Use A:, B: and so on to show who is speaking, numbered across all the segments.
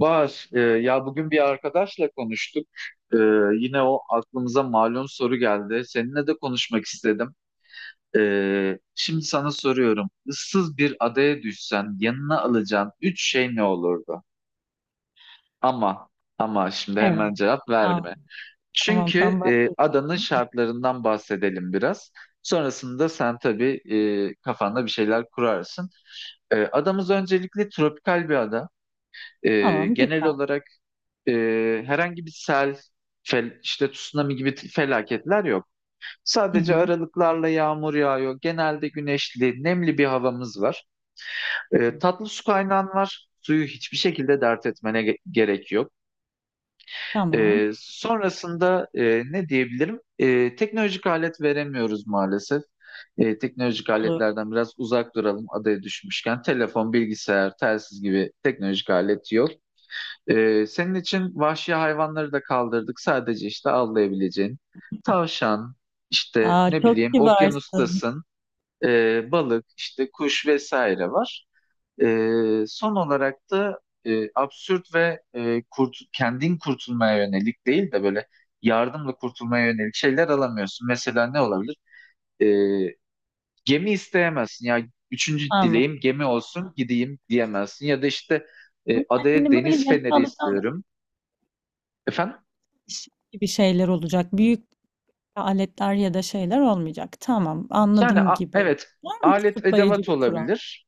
A: Bahar, ya bugün bir arkadaşla konuştuk. E, Yine o aklımıza malum soru geldi. Seninle de konuşmak istedim. Şimdi sana soruyorum. Issız bir adaya düşsen yanına alacağın üç şey ne olurdu? Ama, ama şimdi hemen
B: Evet.
A: cevap
B: Tamam,
A: verme.
B: tamam, tam
A: Çünkü adanın
B: başlayacağım.
A: şartlarından bahsedelim biraz. Sonrasında sen tabii kafanda bir şeyler kurarsın. Adamız öncelikle tropikal bir ada.
B: Tamam,
A: Genel
B: güzel.
A: olarak e, herhangi bir sel, işte tsunami gibi felaketler yok.
B: Hı
A: Sadece
B: hı,
A: aralıklarla yağmur yağıyor. Genelde güneşli, nemli bir havamız var.
B: hı hı.
A: Tatlı su kaynağın var. Suyu hiçbir şekilde dert etmene gerek yok.
B: Tamam,
A: Sonrasında ne diyebilirim? Teknolojik alet veremiyoruz maalesef. Teknolojik
B: olur.
A: aletlerden biraz uzak duralım adaya düşmüşken. Telefon, bilgisayar, telsiz gibi teknolojik alet yok. Senin için vahşi hayvanları da kaldırdık. Sadece işte avlayabileceğin tavşan, işte
B: Aa,
A: ne
B: çok
A: bileyim
B: kibarsın.
A: okyanustasın, balık, işte kuş vesaire var. Son olarak da absürt ve kendin kurtulmaya yönelik değil de böyle yardımla kurtulmaya yönelik şeyler alamıyorsun. Mesela ne olabilir? Ee, Gemi isteyemezsin. Ya üçüncü
B: Tamam.
A: dileğim gemi olsun gideyim diyemezsin. Ya da işte adaya
B: Yani böyle
A: deniz
B: yanına
A: feneri
B: alacağım
A: istiyorum. Efendim?
B: gibi şeyler olacak. Büyük aletler ya da şeyler olmayacak. Tamam,
A: Yani
B: anladım gibi.
A: evet
B: Var mı
A: alet
B: açıklayıcı
A: edevat
B: bir kural?
A: olabilir.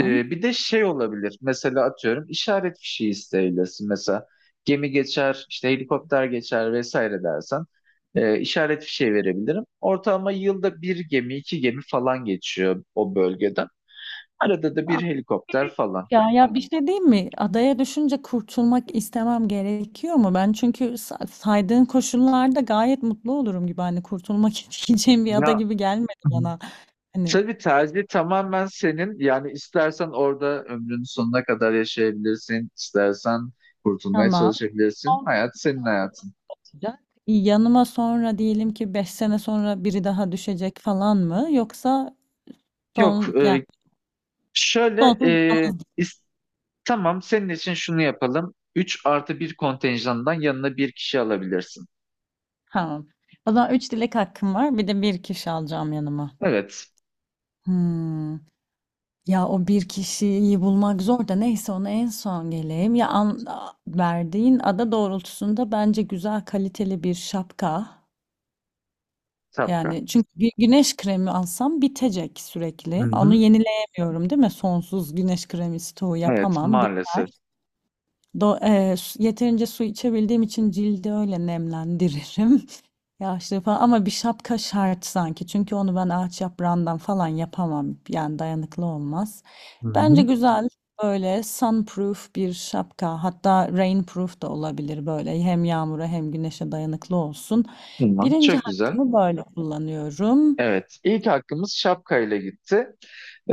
A: Bir de şey olabilir. Mesela atıyorum işaret fişi isteyebilirsin. Mesela gemi geçer, işte helikopter geçer vesaire dersen işaret fişi verebilirim. Ortalama yılda bir gemi, iki gemi falan geçiyor o bölgeden. Arada da bir helikopter falan.
B: Ya ya bir şey diyeyim mi? Adaya düşünce kurtulmak istemem gerekiyor mu? Ben çünkü saydığın koşullarda gayet mutlu olurum gibi. Hani kurtulmak isteyeceğim bir ada
A: Ya
B: gibi gelmedi bana. Hani
A: tabii tercih tamamen senin. Yani istersen orada ömrünün sonuna kadar yaşayabilirsin, istersen kurtulmaya
B: tamam.
A: çalışabilirsin.
B: Olmayacak.
A: Hayat senin hayatın.
B: Yanıma sonra diyelim ki 5 sene sonra biri daha düşecek falan mı? Yoksa
A: Yok,
B: son yani
A: şöyle
B: sonsuz yalnız.
A: is- tamam senin için şunu yapalım. 3 artı bir kontenjandan yanına bir kişi alabilirsin.
B: Tamam. O zaman 3 dilek hakkım var. Bir de bir kişi alacağım yanıma.
A: Evet,
B: Hmm. Ya o bir kişiyi bulmak zor da neyse ona en son geleyim. Verdiğin ada doğrultusunda bence güzel kaliteli bir şapka.
A: Sapra.
B: Yani çünkü güneş kremi alsam bitecek
A: Hı
B: sürekli. Onu
A: hı.
B: yenileyemiyorum değil mi? Sonsuz güneş kremi stoğu
A: Evet,
B: yapamam.
A: maalesef.
B: Biter. Yeterince su içebildiğim için cildi öyle nemlendiririm. Yağışlı falan ama bir şapka şart sanki. Çünkü onu ben ağaç yaprağından falan yapamam. Yani dayanıklı olmaz.
A: Hı hı.
B: Bence güzel böyle sunproof bir şapka. Hatta rainproof da olabilir böyle. Hem yağmura hem güneşe dayanıklı olsun.
A: Tamam,
B: Birinci
A: çok güzel.
B: hakkımı böyle kullanıyorum.
A: Evet, ilk hakkımız şapkayla gitti.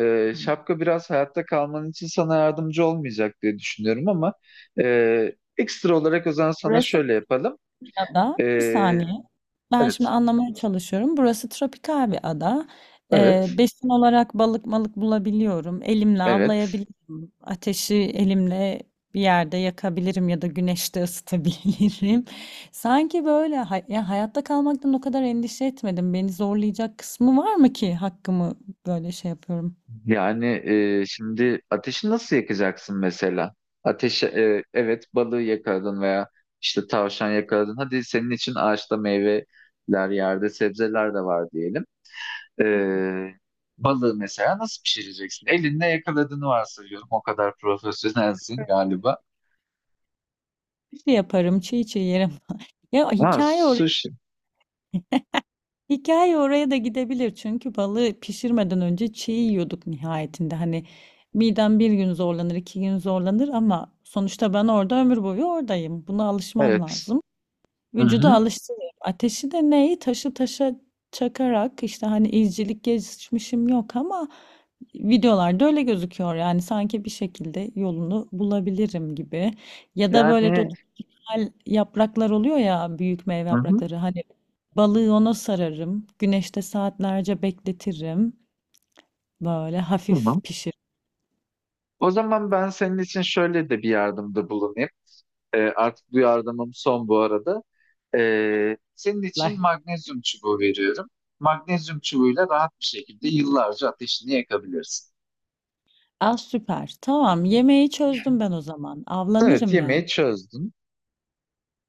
A: Şapka biraz hayatta kalman için sana yardımcı olmayacak diye düşünüyorum ama ekstra olarak o zaman sana şöyle yapalım.
B: Ya da
A: E,
B: bir saniye. Ben şimdi
A: evet,
B: anlamaya çalışıyorum. Burası tropikal bir ada.
A: evet,
B: Besin olarak balık malık bulabiliyorum. Elimle
A: evet.
B: avlayabilirim. Ateşi elimle bir yerde yakabilirim ya da güneşte ısıtabilirim. Sanki böyle hayatta kalmaktan o kadar endişe etmedim. Beni zorlayacak kısmı var mı ki hakkımı böyle şey yapıyorum.
A: Yani şimdi ateşi nasıl yakacaksın mesela? Ateşi evet balığı yakaladın veya işte tavşan yakaladın. Hadi senin için ağaçta meyveler yerde sebzeler de var diyelim. E, Balığı mesela nasıl pişireceksin? Elinle yakaladığını varsayıyorum. O kadar profesyonelsin galiba.
B: Bir şey yaparım, çiğ çiğ yerim. Ya
A: Ha
B: hikaye oraya.
A: sushi.
B: Hikaye oraya da gidebilir çünkü balığı pişirmeden önce çiğ yiyorduk nihayetinde. Hani midem bir gün zorlanır, iki gün zorlanır ama sonuçta ben orada ömür boyu oradayım. Buna alışmam
A: Evet.
B: lazım.
A: Hı
B: Vücudu
A: hı.
B: alıştırıyorum. Ateşi de neyi? Taşı taşa çakarak işte hani izcilik geçmişim yok ama videolarda öyle gözüküyor. Yani sanki bir şekilde yolunu bulabilirim gibi. Ya da böyle
A: Yani
B: tropikal yapraklar oluyor ya büyük meyve
A: hı hı.
B: yaprakları. Hani balığı ona sararım. Güneşte saatlerce bekletirim. Böyle
A: Tamam.
B: hafif pişirirler.
A: O zaman ben senin için şöyle de bir yardımda bulunayım. Artık duyardamım son bu arada. Senin için magnezyum çubuğu veriyorum. Magnezyum çubuğuyla rahat bir şekilde yıllarca ateşini yakabilirsin.
B: Ah süper. Tamam, yemeği çözdüm ben o zaman.
A: Evet,
B: Avlanırım yani.
A: yemeği çözdün.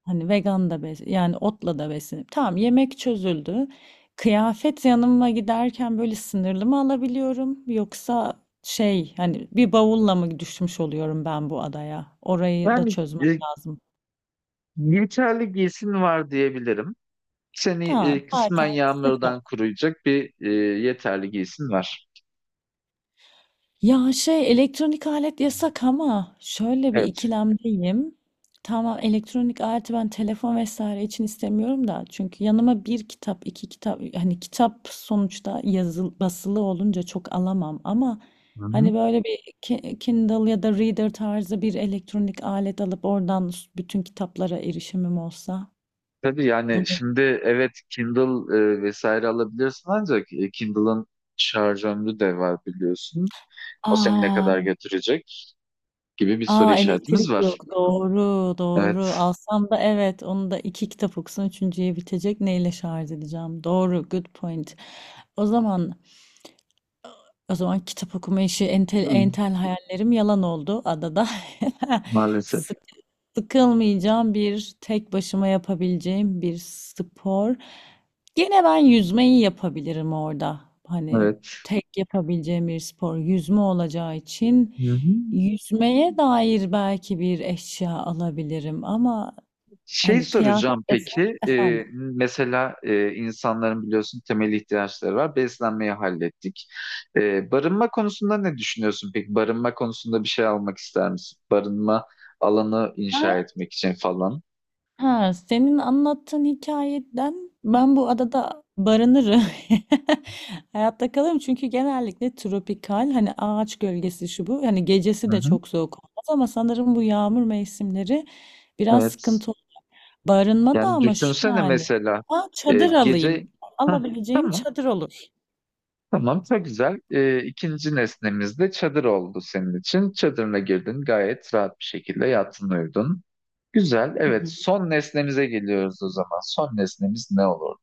B: Hani vegan da bes yani otla da beslenip tamam, yemek çözüldü. Kıyafet yanıma giderken böyle sınırlı mı alabiliyorum yoksa şey hani bir bavulla mı düşmüş oluyorum ben bu adaya? Orayı da
A: Yani
B: çözmem
A: e,
B: lazım.
A: yeterli giysin var diyebilirim. Seni
B: Tamam
A: kısmen
B: zaten sıcak.
A: yağmurdan koruyacak bir yeterli giysin var.
B: Ya şey elektronik alet yasak ama şöyle bir
A: Evet.
B: ikilemdeyim. Tamam, elektronik aleti ben telefon vesaire için istemiyorum da çünkü yanıma bir kitap iki kitap hani kitap sonuçta yazılı basılı olunca çok alamam ama
A: Hı hı.
B: hani böyle bir Kindle ya da Reader tarzı bir elektronik alet alıp oradan bütün kitaplara erişimim olsa
A: Tabii yani
B: bu ne?
A: şimdi evet Kindle vesaire alabilirsin ancak Kindle'ın şarj ömrü de var biliyorsun. O seni ne
B: Aa.
A: kadar götürecek gibi bir soru
B: A,
A: işaretimiz
B: elektrik
A: var.
B: yok. Doğru, doğru.
A: Evet.
B: Alsam da evet, onu da 2 kitap okusan üçüncüye bitecek. Neyle şarj edeceğim? Doğru, good point. O zaman o zaman kitap okuma işi entel
A: Hı,
B: entel hayallerim yalan oldu adada.
A: maalesef.
B: Sık- Sıkılmayacağım bir tek başıma yapabileceğim bir spor. Gene ben yüzmeyi yapabilirim orada. Hani
A: Evet.
B: tek yapabileceğim bir spor yüzme olacağı için
A: Hı hı.
B: yüzmeye dair belki bir eşya alabilirim ama
A: Şey
B: hani kıyafet
A: soracağım
B: desem
A: peki,
B: efendim.
A: mesela insanların biliyorsun temel ihtiyaçları var. Beslenmeyi hallettik. Barınma konusunda ne düşünüyorsun peki? Barınma konusunda bir şey almak ister misin? Barınma alanı inşa etmek için falan.
B: Ha, senin anlattığın hikayeden ben bu adada barınırım. Hayatta kalırım çünkü genellikle tropikal hani ağaç gölgesi şu bu. Hani
A: Hı
B: gecesi de
A: hı.
B: çok soğuk olmaz ama sanırım bu yağmur mevsimleri biraz
A: Evet.
B: sıkıntı olur. Barınma da
A: Yani
B: ama şu
A: düşünsene
B: yani.
A: mesela
B: Ha, çadır
A: gece...
B: alayım.
A: Hah,
B: Alabileceğim
A: tamam.
B: çadır olur.
A: Tamam, çok güzel. İkinci nesnemiz de çadır oldu senin için. Çadırına girdin, gayet rahat bir şekilde yattın, uyudun. Güzel, evet. Son nesnemize geliyoruz o zaman. Son nesnemiz ne olur?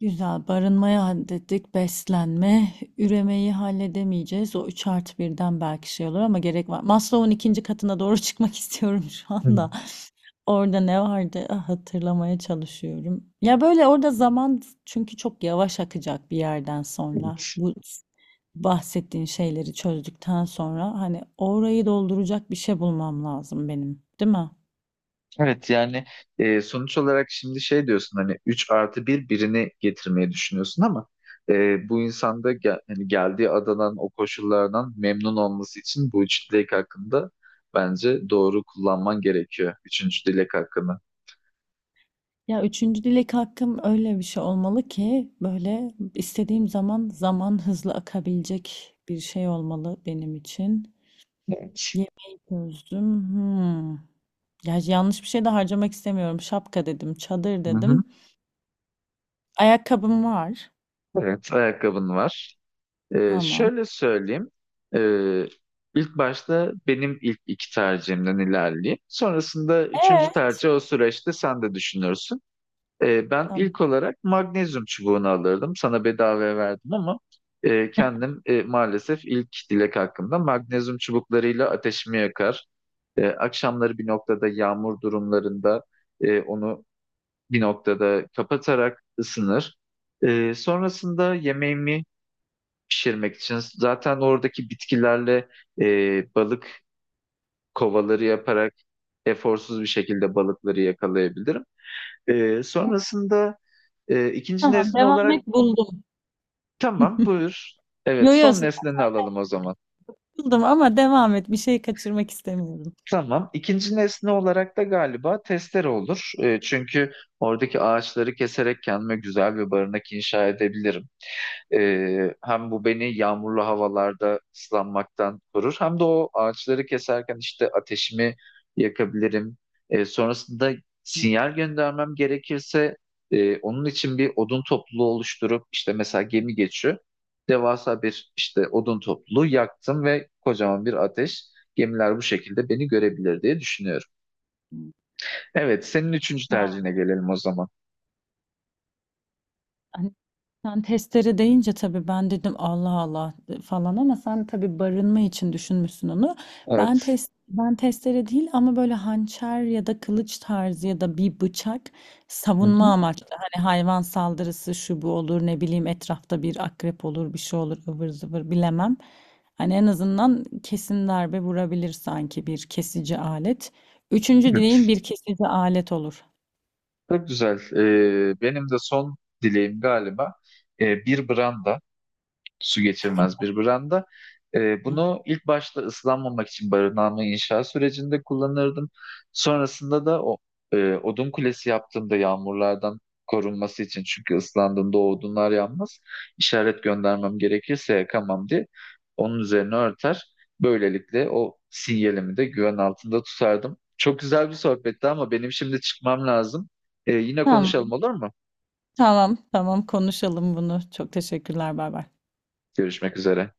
B: Güzel. Barınmayı hallettik. Beslenme. Üremeyi halledemeyeceğiz. O 3 artı birden belki şey olur ama gerek var. Maslow'un ikinci katına doğru çıkmak istiyorum şu
A: Hı.
B: anda. Orada ne vardı? Ah, hatırlamaya çalışıyorum. Ya böyle orada zaman çünkü çok yavaş akacak bir yerden sonra. Bu bahsettiğin şeyleri çözdükten sonra hani orayı dolduracak bir şey bulmam lazım benim, değil mi?
A: Evet, yani sonuç olarak şimdi şey diyorsun hani 3 artı bir birini getirmeyi düşünüyorsun ama bu insanda hani geldiği adadan o koşullardan memnun olması için bu üç dilek hakkında bence doğru kullanman gerekiyor. Üçüncü dilek hakkını.
B: Ya üçüncü dilek hakkım öyle bir şey olmalı ki böyle istediğim zaman zaman hızlı akabilecek bir şey olmalı benim için.
A: Evet.
B: Yemeği çözdüm. Hmm. Ya yanlış bir şey de harcamak istemiyorum. Şapka dedim, çadır
A: Hı hı.
B: dedim. Ayakkabım var.
A: Evet, ayakkabın var.
B: Tamam.
A: Şöyle söyleyeyim. Ee, ilk başta benim ilk iki tercihimden ilerleyeyim. Sonrasında üçüncü
B: Ee?
A: tercih o süreçte sen de düşünürsün. Ben
B: Tamam.
A: ilk olarak magnezyum çubuğunu alırdım. Sana bedavaya verdim ama kendim maalesef ilk dilek hakkımda magnezyum çubuklarıyla ateşimi yakar. Akşamları bir noktada yağmur durumlarında onu bir noktada kapatarak ısınır. Sonrasında yemeğimi pişirmek için. Zaten oradaki bitkilerle balık kovaları yaparak eforsuz bir şekilde balıkları yakalayabilirim. Sonrasında ikinci
B: Tamam,
A: nesne
B: devam
A: olarak
B: et, buldum.
A: tamam buyur. Evet
B: Yo yo,
A: son nesneni alalım o zaman.
B: buldum ama devam et. Bir şey kaçırmak istemiyorum.
A: Tamam. İkinci nesne olarak da galiba testere olur. Çünkü oradaki ağaçları keserek kendime güzel bir barınak inşa edebilirim. Hem bu beni yağmurlu havalarda ıslanmaktan korur hem de o ağaçları keserken işte ateşimi yakabilirim. Sonrasında
B: Hı
A: sinyal göndermem gerekirse onun için bir odun topluluğu oluşturup işte mesela gemi geçiyor. Devasa bir işte odun topluluğu yaktım ve kocaman bir ateş. Gemiler bu şekilde beni görebilir diye düşünüyorum.
B: hı.
A: Evet, senin üçüncü tercihine gelelim o zaman.
B: Hani sen testere deyince tabii ben dedim Allah Allah falan ama sen tabii barınma için düşünmüşsün onu. Ben
A: Evet.
B: test ben testere değil ama böyle hançer ya da kılıç tarzı ya da bir bıçak savunma
A: Hı
B: amaçlı. Hani hayvan saldırısı şu bu olur ne bileyim etrafta bir akrep olur bir şey olur ıvır zıvır bilemem. Hani en azından kesin darbe vurabilir sanki bir kesici alet. Üçüncü
A: hı.
B: dileğim bir kesici alet olur.
A: Çok güzel. Benim de son dileğim galiba bir branda su geçirmez bir branda. Bunu ilk başta ıslanmamak için barınağımı inşa sürecinde kullanırdım. Sonrasında da o odun kulesi yaptığımda yağmurlardan korunması için çünkü ıslandığımda o odunlar yanmaz. İşaret göndermem gerekirse yakamam diye onun üzerine örter. Böylelikle o sinyalimi de güven altında tutardım. Çok güzel bir sohbetti ama benim şimdi çıkmam lazım. Yine
B: Tamam.
A: konuşalım olur mu?
B: Tamam, tamam konuşalım bunu. Çok teşekkürler. Bay bay.
A: Görüşmek üzere.